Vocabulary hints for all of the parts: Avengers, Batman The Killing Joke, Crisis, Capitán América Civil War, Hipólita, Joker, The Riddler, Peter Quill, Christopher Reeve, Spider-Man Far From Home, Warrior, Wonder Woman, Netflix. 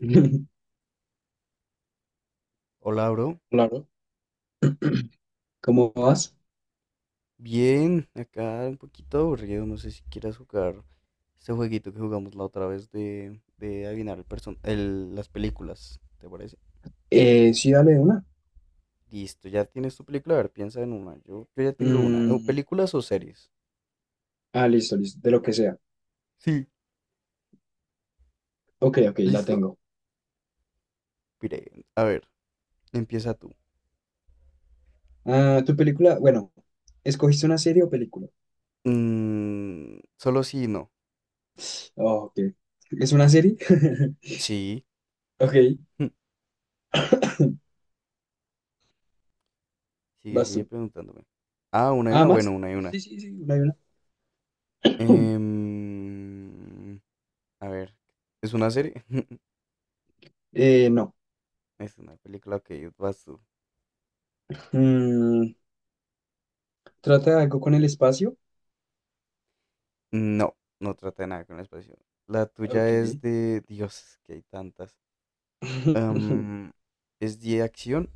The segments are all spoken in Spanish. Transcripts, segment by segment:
Hola, bro. Claro. ¿Cómo vas? Bien, acá un poquito aburrido. No sé si quieras jugar este jueguito que jugamos la otra vez de adivinar las películas. ¿Te parece? Sí, dale una. Listo, ya tienes tu película. A ver, piensa en una. Yo ya tengo una. Eh, Mm, ¿Películas o series? ah, listo, listo, de lo que sea. Sí, Ok, ok, la ¿listo? tengo. Pire, a ver, empieza tú. Ah, tu película, bueno, ¿Escogiste una serie o película? Mm, solo sí y no. Oh, ok. ¿Es una serie? Sí. Ok, Sigue, vas sigue tú. preguntándome. Ah, una y ¿Ah, una. Bueno, más? una y una. Sí, sí, sí, una y una. Em, a ver, ¿es una serie? No. Es una película que vas tú. Mm, ¿Trata de algo con el espacio? No, no trata de nada con el espacio. La tuya Ok. es de. Dios, es que hay tantas. Am, es de acción.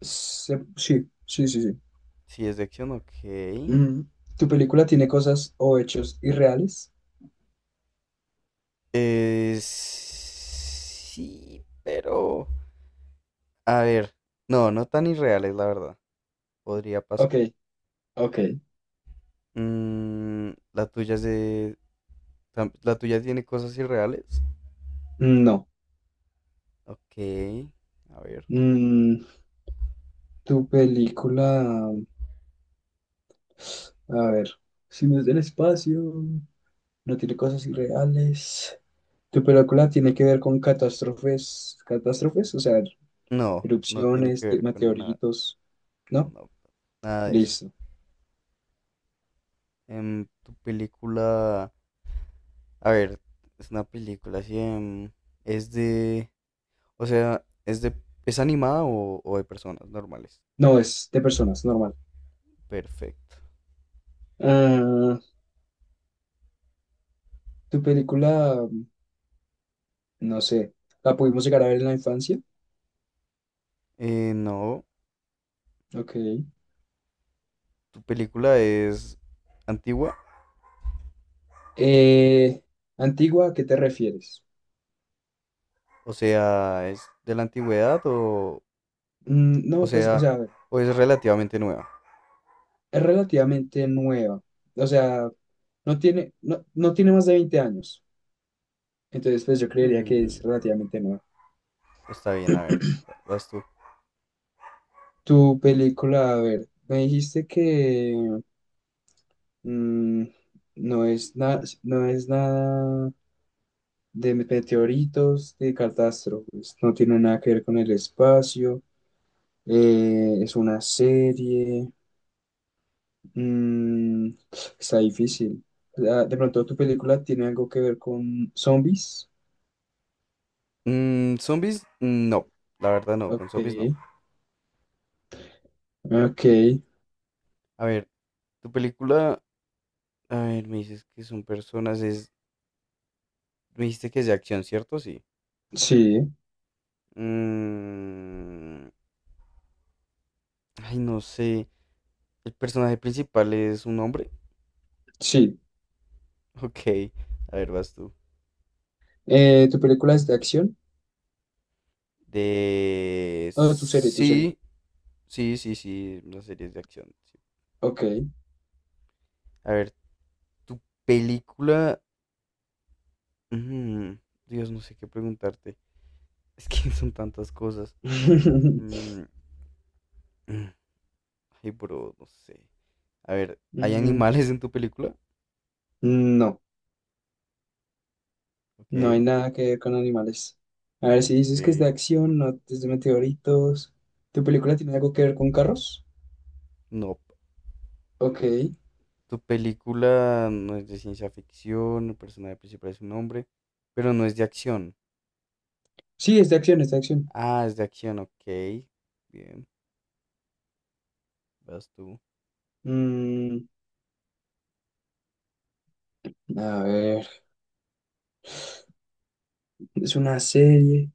Sí, sí, sí, sí. Sí, es de acción, ok. Mm, ¿Tu película tiene cosas o hechos irreales? Es. Sí, pero. A ver. No, no tan irreales, la verdad. Podría Ok, pasar. ok. Mm, la tuya es de. La tuya tiene cosas irreales. No. Ok. A ver. Mm, Tu película, a ver, si no es del espacio, no tiene cosas irreales. Tu película tiene que ver con catástrofes, catástrofes, o sea, No, no tiene que erupciones, ver con nada. meteoritos, ¿no? No, nada de eso. Listo. Tu película, a ver, es una película así, es de, o sea, es de, es animada o de personas normales. No, es de personas, normal. Perfecto. Ah, tu película, no sé, la pudimos llegar a ver en la infancia. No, Ok. tu película es antigua, Eh, Antigua, ¿a qué te refieres? o sea, es de la antigüedad o No, pues, o sea, sea, a ver. o es relativamente nueva. Es relativamente nueva. O sea, no tiene, no, no tiene más de 20 años. Entonces, pues yo creería que es Mm, relativamente nueva. está bien, a ver, vas tú. Tu película, a ver, me dijiste que mm, no es nada, no es nada de meteoritos, de catástrofes, no tiene nada que ver con el espacio, es una serie, mm, está difícil. De pronto tu película tiene algo que ver con zombies. Mm, zombies, no, la verdad no, con Ok, zombies no. ok, A ver, tu película, a ver, me dices que son personas, es Me dijiste que es de acción, ¿cierto? Sí. sí, Mm, ay, no sé. ¿El personaje principal es un hombre? sí. Ok. A ver, vas tú. ¿Tu película es de acción? De... Oh, tu serie, tu serie. Sí, sí, sí, sí. Las series de acción. Sí. Ok. A ver, tu película... mm, Dios, no sé qué preguntarte. Es que son tantas cosas. Mm, mm, ay, bro, no sé. A ver, ¿hay Mm, animales en tu película? No, no hay Ok, nada que ver con animales. A ver, si dices que es de ok. acción, no es de meteoritos. ¿Tu película tiene algo que ver con carros? No. Ok. Tu película no es de ciencia ficción, el personaje principal es un hombre, pero no es de acción. Sí, es de acción, es de acción. Ah, es de acción, ok. Bien, vas tú. Mm, a ver, es una serie,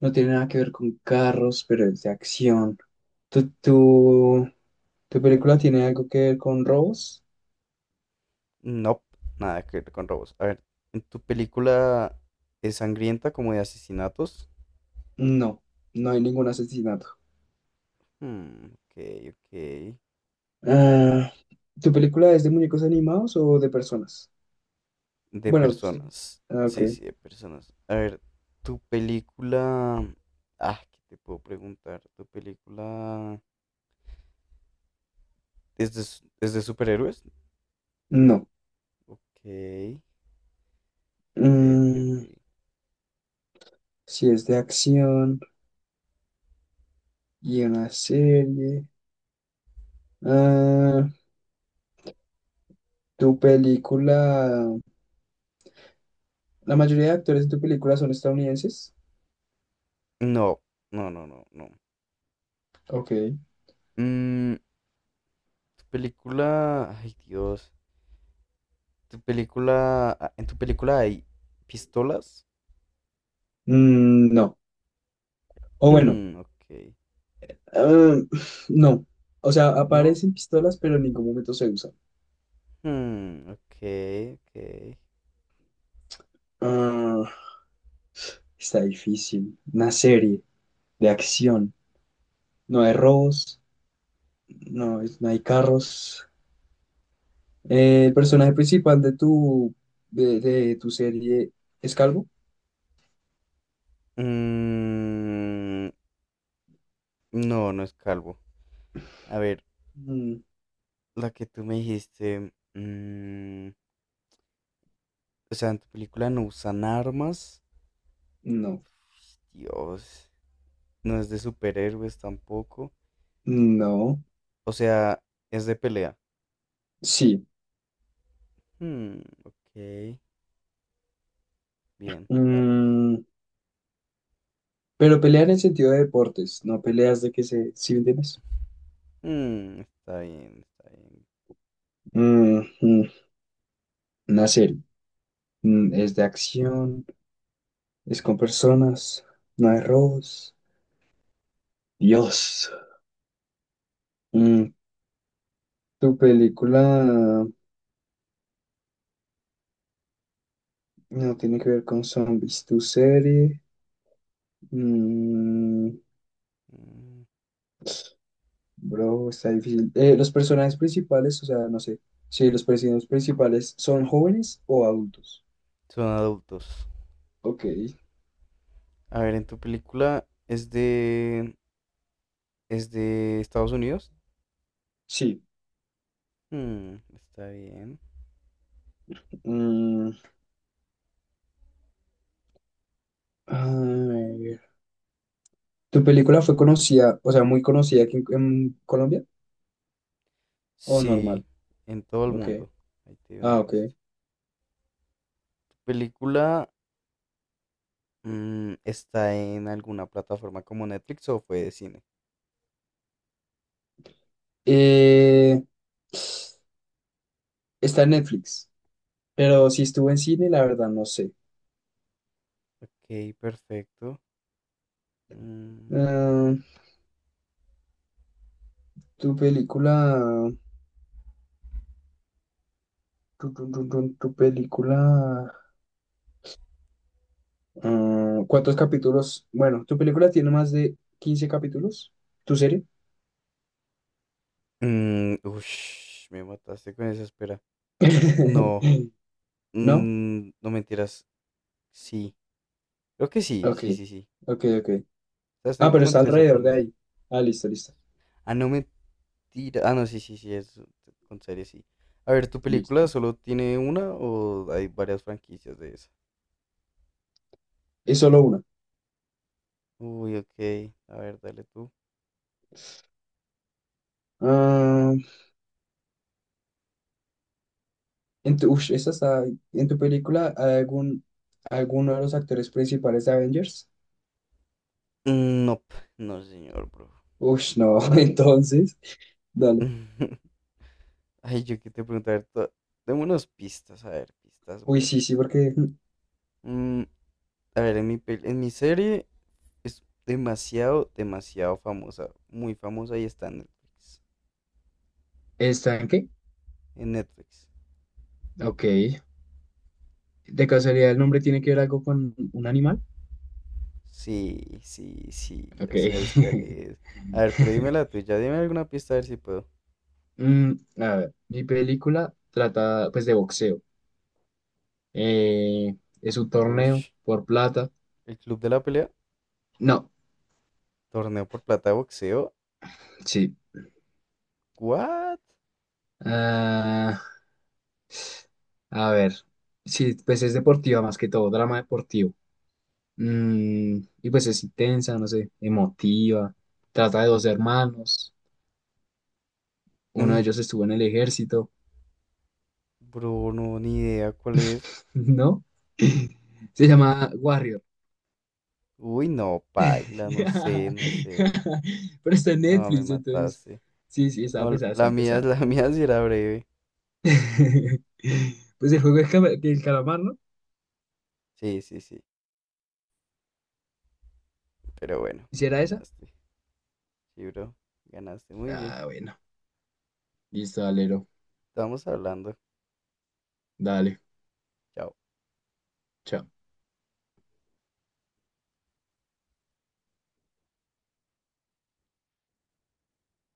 no tiene nada que ver con carros, pero es de acción. ¿Tu, tu, tu película tiene algo que ver con robos? No, nada que ver con robos. A ver, ¿en tu película es sangrienta como de asesinatos? No, no hay ningún asesinato. Hmm, ok, ok. Ah, ¿Tu película es de muñecos animados o de personas? De Bueno, tú sí. personas. Ah, ok. Sí, sí, de personas. A ver, tu película... Ah, ¿qué te puedo preguntar? ¿Tu película es de, es de superhéroes? No. Ok, ok, ok, ok. Mm, si es de acción y una serie. Ah, ¿tu película... La mayoría de actores de tu película son estadounidenses? No, no, no, no, no. Ok. Mm, tu película, ay Dios, tu película, ah, en tu película hay pistolas. No. O bueno, Hmm, ok, ah, no. O sea, no, aparecen pistolas, pero en ningún momento se usan. hmm, ok, ok. Ah, está difícil. Una serie de acción. No hay robos, no, no hay carros. ¿El personaje principal de tu serie es calvo? Mm, no, no es calvo. A ver, Mm, la que tú me dijiste, mm, o sea, en tu película no usan armas. no, Dios, no es de superhéroes tampoco. no, O sea, es de pelea. sí. Hmm, ok. Bien, dale. Mm, pero pelea en el sentido de deportes, no peleas de que se, ¿sí me entiendes? Mm, está bien, está bien. Mm, mm, una serie. Es de acción, es con personas, no hay robos. Dios. Mm, Tu película no tiene que ver con zombies, tu serie. mm, Mm, Bro, está difícil. Los personajes principales, o sea, no sé. Sí, los personajes principales son jóvenes o adultos. son adultos. Ok, A ver, en tu película es de Estados Unidos. sí. Mm, está bien. Mm, a ver. ¿Tu película fue conocida, o sea, muy conocida aquí en, Colombia? ¿O Sí, normal? en todo el Ok. mundo. Ahí te doy una Ah, ok. pista. ¿Tu película está en alguna plataforma como Netflix o fue de cine? Eh, Está en Netflix, pero si estuvo en cine, la verdad no sé. Ok, perfecto. Mm, Ah, tu película, tu película. ¿Cuántos capítulos? Bueno, ¿tu película tiene más de 15 capítulos? ¿Tu serie? mm, ush, me mataste con esa espera. No, ¿No? No mentiras. Sí, creo que sí, Ok, sí, sí, sí. ok, ok. O sea, están Ah, pero como en está 13 alrededor de promedio. ahí. Ah, listo, listo, Ah, no mentira. Ah, no, sí, sí, sí, es con serie, sí. A ver, ¿tu película listo. solo tiene una o hay varias franquicias de esa? Es solo una. Uy, ok. A ver, dale tú. Ah, en tu, ush, esta está- ¿En tu película hay algún, alguno de los actores principales de Avengers? Mm, no, no, señor, bro. Ush, no, entonces, dale. Ay, yo que te preguntar. Dame unas pistas, a ver, pistas Uy, sí, sí, buenas. porque... Mm, a ver, en en mi serie es demasiado, demasiado famosa. Muy famosa y está en Netflix. ¿Está en qué? En Netflix. Ok. ¿De casualidad el nombre tiene que ver algo con un animal? Sí, sí, sí, Ok. ya sabes cuál es. A ver, pero dime la tuya, dime alguna pista a ver si puedo. Mm, a ver, mi película trata pues de boxeo. Eh, es un torneo Ush, por el, plata. el club de la pelea, No, torneo por plata de boxeo. sí. ¿What? Ah, a ver, sí, pues es deportiva más que todo, drama deportivo. Y pues es intensa, no sé, emotiva. Trata de dos hermanos. Uno de Mm, ellos estuvo en el ejército, bro, no, ni idea cuál es. ¿no? Se llama Warrior. Uy, no, paila, no sé, no sé. Pero está en No, me Netflix, entonces. mataste. Sí, sí, está No, pesada, la está mía, pesada. la mía sí era breve. Pues el juego del calamar, ¿no? Sí, sí, sí. Pero bueno, ¿Hiciera esa? ganaste. Sí, bro, ganaste muy bien. Ah, bueno. Listo, alero. Estamos hablando. Dale. Chao. Chao.